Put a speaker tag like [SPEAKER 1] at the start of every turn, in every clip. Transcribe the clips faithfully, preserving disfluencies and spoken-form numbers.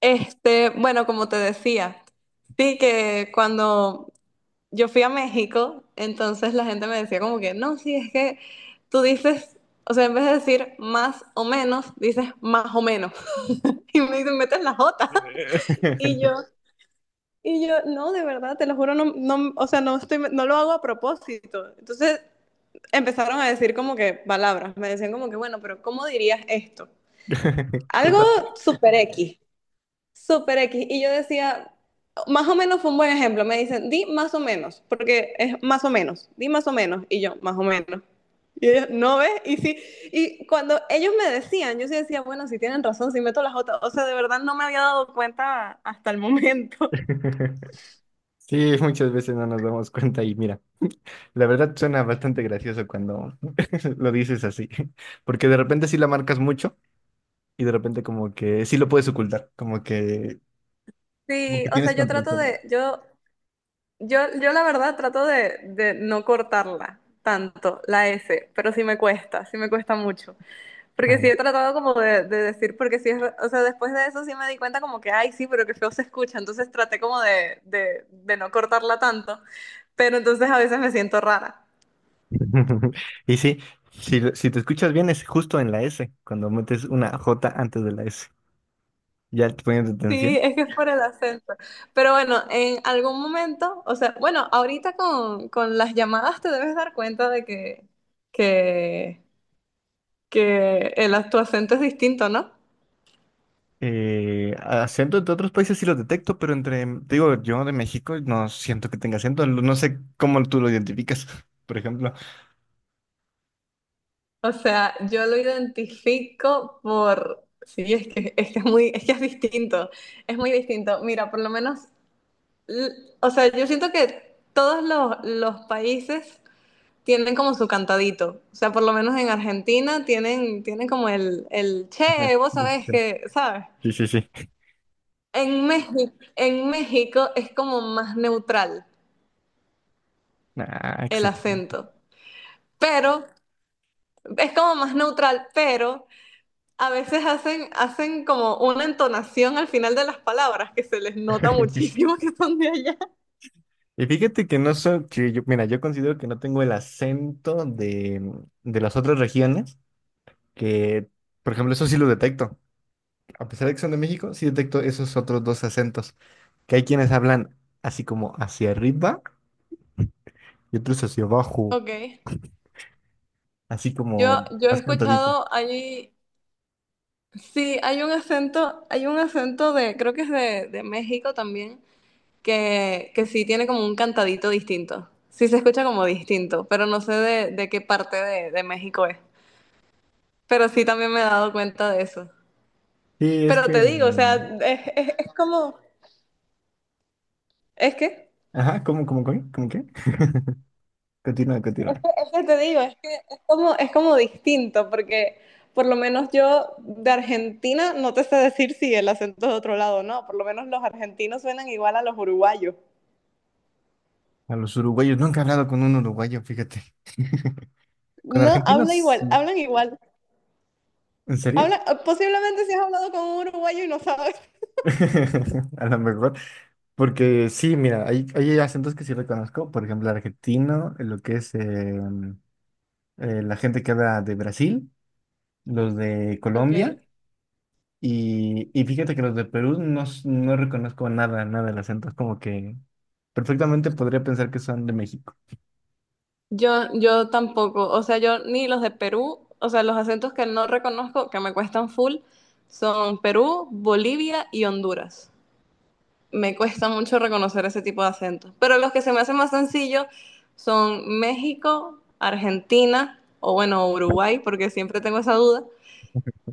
[SPEAKER 1] Este, bueno, como te decía, sí que cuando yo fui a México, entonces la gente me decía como que, no, sí, es que tú dices, o sea, en vez de decir más o menos, dices más o menos. Y me dicen, metes la jota. Y yo, y yo, no, de verdad, te lo juro, no, no, o sea, no estoy, no lo hago a propósito. Entonces empezaron a decir como que palabras, me decían como que, bueno, pero ¿cómo dirías esto? Algo
[SPEAKER 2] Justo-
[SPEAKER 1] super X. Súper X. Y yo decía, más o menos fue un buen ejemplo. Me dicen, di más o menos, porque es más o menos, di más o menos. Y yo, más o menos. Y ellos, ¿no ves? Y sí. Y cuando ellos me decían, yo sí decía, bueno, si tienen razón, si meto las otras. O sea, de verdad no me había dado cuenta hasta el momento.
[SPEAKER 2] Sí, muchas veces no nos damos cuenta y mira, la verdad suena bastante gracioso cuando lo dices así, porque de repente sí la marcas mucho y de repente como que sí lo puedes ocultar, como que, como
[SPEAKER 1] Sí,
[SPEAKER 2] que
[SPEAKER 1] o sea,
[SPEAKER 2] tienes
[SPEAKER 1] yo
[SPEAKER 2] control
[SPEAKER 1] trato
[SPEAKER 2] sobre eso.
[SPEAKER 1] de, yo, yo, yo la verdad trato de, de no cortarla tanto, la S, pero sí me cuesta, sí me cuesta mucho. Porque sí
[SPEAKER 2] Ajá.
[SPEAKER 1] he tratado como de, de decir, porque sí es, o sea, después de eso sí me di cuenta como que, ay, sí, pero que feo se escucha, entonces traté como de, de, de no cortarla tanto, pero entonces a veces me siento rara.
[SPEAKER 2] Y sí, si, lo- si te escuchas bien es justo en la S, cuando metes una J antes de la S, ya te poniendo
[SPEAKER 1] Sí,
[SPEAKER 2] atención.
[SPEAKER 1] es que es por el acento. Pero bueno, en algún momento, o sea, bueno, ahorita con, con las llamadas te debes dar cuenta de que, que, que el, tu acento es distinto, ¿no?
[SPEAKER 2] Eh, acento entre otros países sí lo detecto, pero entre, te digo, yo de México no siento que tenga acento, no no sé cómo tú lo identificas, por ejemplo.
[SPEAKER 1] O sea, yo lo identifico por... Sí, es que, es que es muy, es que es distinto, es muy distinto. Mira, por lo menos, l- o sea, yo siento que todos los, los países tienen como su cantadito. O sea, por lo menos en Argentina tienen, tienen como el, el, che, vos sabés que, ¿sabes?
[SPEAKER 2] Sí, sí, sí.
[SPEAKER 1] En México, en México es como más neutral
[SPEAKER 2] Ah,
[SPEAKER 1] el
[SPEAKER 2] excelente.
[SPEAKER 1] acento, pero es como más neutral, pero a veces hacen, hacen como una entonación al final de las palabras que se les nota muchísimo que son de allá.
[SPEAKER 2] Y fíjate que no soy, que yo, mira, yo considero que no tengo el acento de, de las otras regiones, que, por ejemplo, eso sí lo detecto. A pesar de que son de México, sí detecto esos otros dos acentos, que hay quienes hablan así como hacia arriba y otros hacia abajo,
[SPEAKER 1] Ok,
[SPEAKER 2] así
[SPEAKER 1] yo,
[SPEAKER 2] como
[SPEAKER 1] yo he
[SPEAKER 2] más cantadito.
[SPEAKER 1] escuchado allí, sí, hay un acento, hay un acento de, creo que es de, de México también, que, que sí tiene como un cantadito distinto. Sí se escucha como distinto, pero no sé de, de qué parte de, de México es. Pero sí también me he dado cuenta de eso.
[SPEAKER 2] Sí, es
[SPEAKER 1] Pero te
[SPEAKER 2] que...
[SPEAKER 1] digo, o sea,
[SPEAKER 2] mm,
[SPEAKER 1] es, es, es como, ¿es que?
[SPEAKER 2] Ajá, ¿cómo, cómo, cómo, cómo qué? Continúa, continúa.
[SPEAKER 1] Que te digo, es que es como, es como distinto, porque por lo menos yo de Argentina no te sé decir si el acento es de otro lado o no, por lo menos los argentinos suenan igual a los uruguayos.
[SPEAKER 2] A los uruguayos, nunca he hablado con un uruguayo, fíjate. Con
[SPEAKER 1] No,
[SPEAKER 2] argentinos,
[SPEAKER 1] habla igual,
[SPEAKER 2] sí.
[SPEAKER 1] hablan igual.
[SPEAKER 2] ¿En serio?
[SPEAKER 1] Habla, posiblemente si has hablado con un uruguayo y no sabes.
[SPEAKER 2] A lo mejor. Porque sí, mira, hay, hay acentos que sí reconozco. Por ejemplo, el argentino, eh, lo que es eh, eh, la gente que habla de Brasil, los de Colombia.
[SPEAKER 1] Okay.
[SPEAKER 2] Y, y fíjate que los de Perú no, s- no reconozco nada, nada del acento. Es como que perfectamente podría pensar que son de México.
[SPEAKER 1] Yo, yo tampoco, o sea, yo ni los de Perú, o sea, los acentos que no reconozco, que me cuestan full, son Perú, Bolivia y Honduras. Me cuesta mucho reconocer ese tipo de acentos. Pero los que se me hacen más sencillos son México, Argentina o bueno, Uruguay, porque siempre tengo esa duda,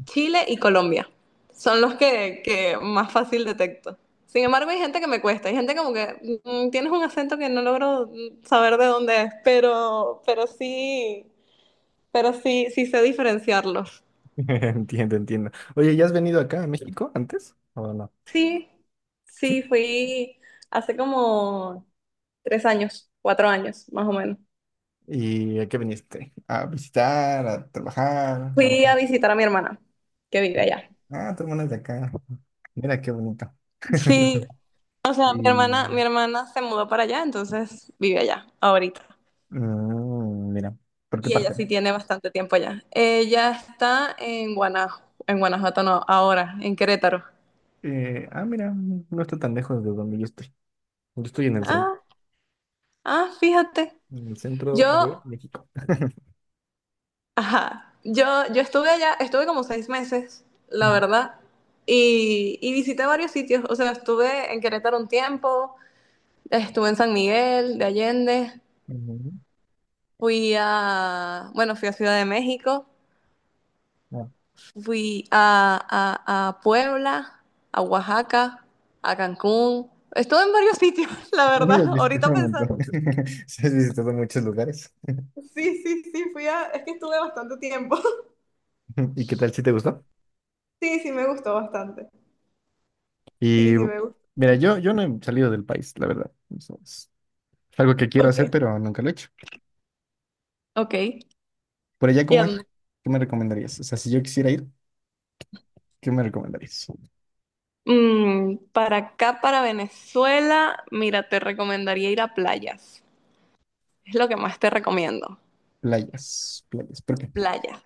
[SPEAKER 1] Chile y Colombia. Son los que, que más fácil detecto. Sin embargo, hay gente que me cuesta, hay gente como que mm, tienes un acento que no logro mm, saber de dónde es, pero, pero sí, pero sí, sí sé diferenciarlos.
[SPEAKER 2] Entiendo, entiendo. Oye, ¿ya has venido acá a México antes? ¿O no?
[SPEAKER 1] Sí,
[SPEAKER 2] Sí.
[SPEAKER 1] sí, fui hace como tres años, cuatro años, más o menos.
[SPEAKER 2] ¿Y a qué viniste? ¿A visitar, a trabajar? No.
[SPEAKER 1] Fui a visitar a mi hermana, que vive allá.
[SPEAKER 2] Ah, tu hermana es de acá. Mira qué bonito.
[SPEAKER 1] Sí, o sea, mi hermana, mi
[SPEAKER 2] Y...
[SPEAKER 1] hermana se mudó para allá, entonces vive allá, ahorita.
[SPEAKER 2] Mm, mira, ¿por qué
[SPEAKER 1] Y ella
[SPEAKER 2] parte?
[SPEAKER 1] sí tiene bastante tiempo allá. Ella está en Guanajuato, en Guanajuato no, ahora, en Querétaro.
[SPEAKER 2] Eh, ah, mira, no está tan lejos de donde yo estoy. Yo estoy en el, cen-
[SPEAKER 1] Ah, ah, fíjate.
[SPEAKER 2] en el centro
[SPEAKER 1] Yo,
[SPEAKER 2] de México.
[SPEAKER 1] ajá, yo, yo estuve allá, estuve como seis meses, la
[SPEAKER 2] Mm,
[SPEAKER 1] verdad, y, y visité varios sitios. O sea, estuve en Querétaro un tiempo, estuve en San Miguel de Allende.
[SPEAKER 2] mm,
[SPEAKER 1] Fui a, bueno, fui a Ciudad de México,
[SPEAKER 2] ah,
[SPEAKER 1] fui a, a- a Puebla, a Oaxaca, a Cancún. Estuve en varios sitios, la verdad,
[SPEAKER 2] has
[SPEAKER 1] ahorita
[SPEAKER 2] visitado un montón.
[SPEAKER 1] pensando.
[SPEAKER 2] Sí, has visitado muchos lugares.
[SPEAKER 1] Sí, sí, sí, fui a, es que estuve bastante tiempo.
[SPEAKER 2] ¿Y qué tal si te gustó?
[SPEAKER 1] Sí, sí, me gustó bastante. Sí,
[SPEAKER 2] Y
[SPEAKER 1] sí, me gustó.
[SPEAKER 2] mira, yo, yo no he salido del país, la verdad. Eso es algo que quiero hacer,
[SPEAKER 1] Ok.
[SPEAKER 2] pero nunca lo he hecho.
[SPEAKER 1] Ok.
[SPEAKER 2] Por allá,
[SPEAKER 1] ¿Y
[SPEAKER 2] ¿cómo
[SPEAKER 1] a
[SPEAKER 2] es?
[SPEAKER 1] dónde?
[SPEAKER 2] ¿Qué me recomendarías? O sea, si yo quisiera ir, ¿qué me recomendarías?
[SPEAKER 1] Mm, para acá, para Venezuela, mira, te recomendaría ir a playas. Es lo que más te recomiendo.
[SPEAKER 2] Playas, playas. ¿Por qué?
[SPEAKER 1] Playas,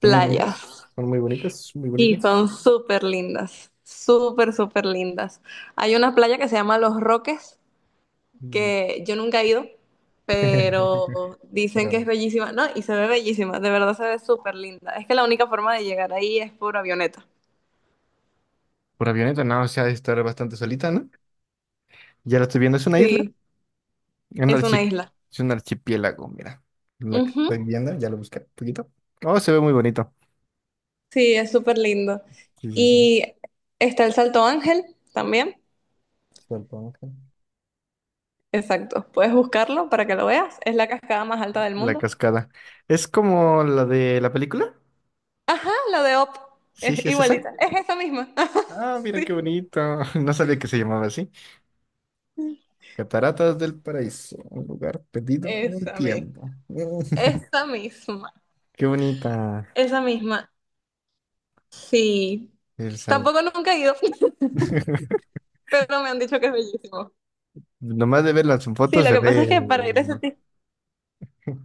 [SPEAKER 2] ¿Son muy
[SPEAKER 1] playas.
[SPEAKER 2] bonitas? ¿Son muy bonitas? ¿Muy
[SPEAKER 1] Y
[SPEAKER 2] bonitas?
[SPEAKER 1] son súper lindas, súper, súper lindas. Hay una playa que se llama Los Roques,
[SPEAKER 2] Mm.
[SPEAKER 1] que yo nunca he ido, pero dicen que es
[SPEAKER 2] Pero
[SPEAKER 1] bellísima, ¿no? Y se ve bellísima, de verdad se ve súper linda. Es que la única forma de llegar ahí es por avioneta.
[SPEAKER 2] por avioneta, no, o sea, ha de estar bastante solita, ¿no? Ya la estoy viendo, es una isla,
[SPEAKER 1] Sí,
[SPEAKER 2] un
[SPEAKER 1] es una
[SPEAKER 2] archi-
[SPEAKER 1] isla.
[SPEAKER 2] es un archipiélago, mira. La que
[SPEAKER 1] Ujú.
[SPEAKER 2] estoy viendo, ya lo busqué un poquito. Oh, se ve muy bonito.
[SPEAKER 1] Sí, es súper lindo.
[SPEAKER 2] Sí, sí, sí.
[SPEAKER 1] Y está el Salto Ángel también.
[SPEAKER 2] Supongo.
[SPEAKER 1] Exacto, puedes buscarlo para que lo veas. Es la cascada más alta del
[SPEAKER 2] La
[SPEAKER 1] mundo.
[SPEAKER 2] cascada. ¿Es como la de la película?
[SPEAKER 1] Ajá, la de Op,
[SPEAKER 2] Sí,
[SPEAKER 1] es
[SPEAKER 2] sí, es esa.
[SPEAKER 1] igualita, es esa misma.
[SPEAKER 2] Ah, mira qué
[SPEAKER 1] Sí.
[SPEAKER 2] bonito. No sabía que se llamaba así. Cataratas del Paraíso, un lugar perdido en el
[SPEAKER 1] Esa misma.
[SPEAKER 2] tiempo. Mm,
[SPEAKER 1] Esa misma,
[SPEAKER 2] qué bonita.
[SPEAKER 1] esa misma. Sí.
[SPEAKER 2] El sal-
[SPEAKER 1] Tampoco nunca he ido, pero me han dicho que es bellísimo.
[SPEAKER 2] Nomás de verlas en
[SPEAKER 1] Sí,
[SPEAKER 2] fotos
[SPEAKER 1] lo
[SPEAKER 2] se
[SPEAKER 1] que pasa es
[SPEAKER 2] ve...
[SPEAKER 1] que para ir a ese tipo...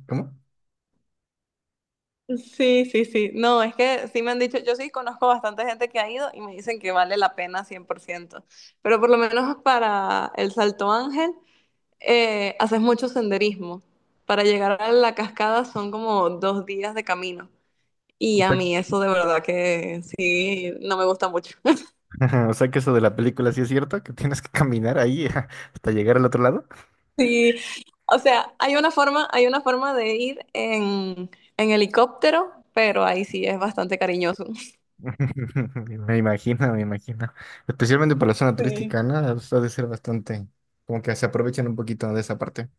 [SPEAKER 2] ¿Cómo?
[SPEAKER 1] Sí, sí, sí. No, es que sí me han dicho, yo sí conozco bastante gente que ha ido y me dicen que vale la pena cien por ciento. Pero por lo menos para el Salto Ángel eh, haces mucho senderismo. Para llegar a la cascada son como dos días de camino. Y
[SPEAKER 2] O
[SPEAKER 1] a
[SPEAKER 2] sea,
[SPEAKER 1] mí eso de verdad que sí, no me gusta mucho.
[SPEAKER 2] o sea que eso de la película sí es cierto, que tienes que caminar ahí hasta llegar al otro lado.
[SPEAKER 1] Sí, o sea, hay una forma, hay una forma de ir en, en helicóptero, pero ahí sí es bastante cariñoso.
[SPEAKER 2] Me imagino, me imagino. Especialmente para la zona
[SPEAKER 1] Sí,
[SPEAKER 2] turística, ¿no? O ha de ser bastante, como que se aprovechan un poquito de esa parte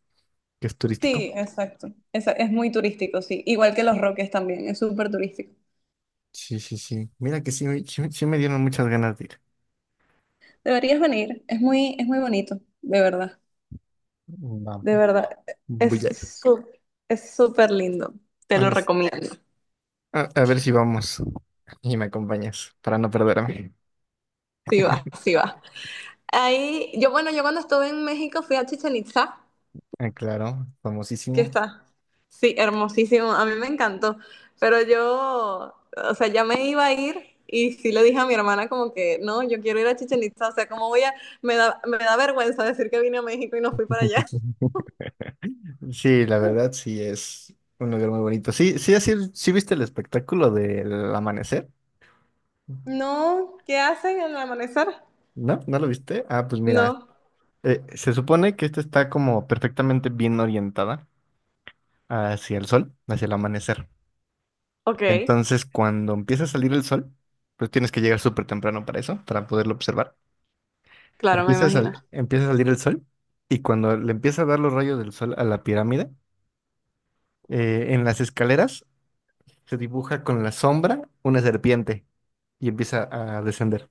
[SPEAKER 2] que es turístico.
[SPEAKER 1] sí, exacto. Esa- Es, muy turístico, sí. Igual que Los Roques también, es súper turístico.
[SPEAKER 2] Sí, sí, sí. Mira que sí, me- sí, sí me dieron muchas ganas de ir.
[SPEAKER 1] Deberías venir, es muy, es muy bonito, de verdad.
[SPEAKER 2] Vamos,
[SPEAKER 1] De verdad,
[SPEAKER 2] voy
[SPEAKER 1] es
[SPEAKER 2] a ir.
[SPEAKER 1] su- es súper lindo. Te
[SPEAKER 2] A
[SPEAKER 1] lo
[SPEAKER 2] ver, s-
[SPEAKER 1] recomiendo.
[SPEAKER 2] a, a ver si vamos y me acompañas para no perderme.
[SPEAKER 1] Sí va, sí va. Ahí, yo bueno, yo cuando estuve en México fui a Chichen Itza.
[SPEAKER 2] Ah, claro,
[SPEAKER 1] ¿Qué
[SPEAKER 2] famosísimo.
[SPEAKER 1] está? Sí, hermosísimo. A mí me encantó. Pero yo, o sea, ya me iba a ir y sí le dije a mi hermana como que, no, yo quiero ir a Chichen Itza. O sea, ¿cómo voy a...? Me da, me da vergüenza decir que vine a México y no fui para allá.
[SPEAKER 2] Sí, la verdad, sí es un lugar muy bonito. Sí, sí, así, sí viste el espectáculo del amanecer.
[SPEAKER 1] No, ¿qué hacen al amanecer?
[SPEAKER 2] ¿No? ¿No lo viste? Ah, pues mira,
[SPEAKER 1] No.
[SPEAKER 2] Eh, se supone que esta está como perfectamente bien orientada hacia el sol, hacia el amanecer.
[SPEAKER 1] Ok,
[SPEAKER 2] Entonces, cuando empieza a salir el sol, pues tienes que llegar súper temprano para eso, para poderlo observar.
[SPEAKER 1] claro, me
[SPEAKER 2] Empieza a,
[SPEAKER 1] imagino.
[SPEAKER 2] sal- empieza a salir el sol y cuando le empieza a dar los rayos del sol a la pirámide, eh, en las escaleras se dibuja con la sombra una serpiente y empieza a descender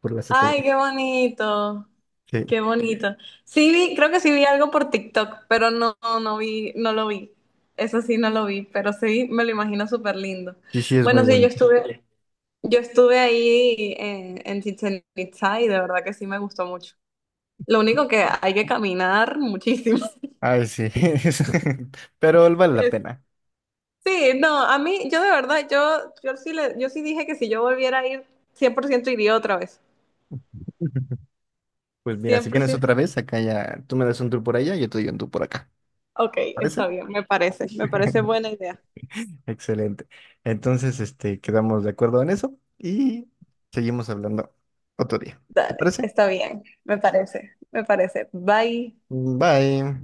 [SPEAKER 2] por las
[SPEAKER 1] Ay,
[SPEAKER 2] escaleras.
[SPEAKER 1] qué bonito.
[SPEAKER 2] Sí,
[SPEAKER 1] Qué bonito. Sí vi, creo que sí vi algo por TikTok, pero no, no, no vi, no lo vi. Eso sí no lo vi, pero sí me lo imagino súper lindo.
[SPEAKER 2] sí, sí, es muy
[SPEAKER 1] Bueno, sí, yo
[SPEAKER 2] bonito.
[SPEAKER 1] estuve, yo estuve ahí eh, en Chichen Itza y de verdad que sí me gustó mucho. Lo único que hay que caminar muchísimo.
[SPEAKER 2] Ay, sí, es- pero vale la pena.
[SPEAKER 1] Sí, no, a mí, yo de verdad, yo, yo sí le, yo sí dije que si yo volviera a ir, cien por ciento iría otra vez.
[SPEAKER 2] Pues mira,
[SPEAKER 1] Cien
[SPEAKER 2] si
[SPEAKER 1] por
[SPEAKER 2] vienes
[SPEAKER 1] ciento.
[SPEAKER 2] otra vez, acá ya tú me das un tour por allá y yo te doy un tour por acá.
[SPEAKER 1] Ok,
[SPEAKER 2] ¿Parece?
[SPEAKER 1] está bien, me parece, me parece buena idea.
[SPEAKER 2] Excelente. Entonces, este, quedamos de acuerdo en eso y seguimos hablando otro día. ¿Te
[SPEAKER 1] Dale,
[SPEAKER 2] parece?
[SPEAKER 1] está bien, me parece, me parece. Bye.
[SPEAKER 2] Bye.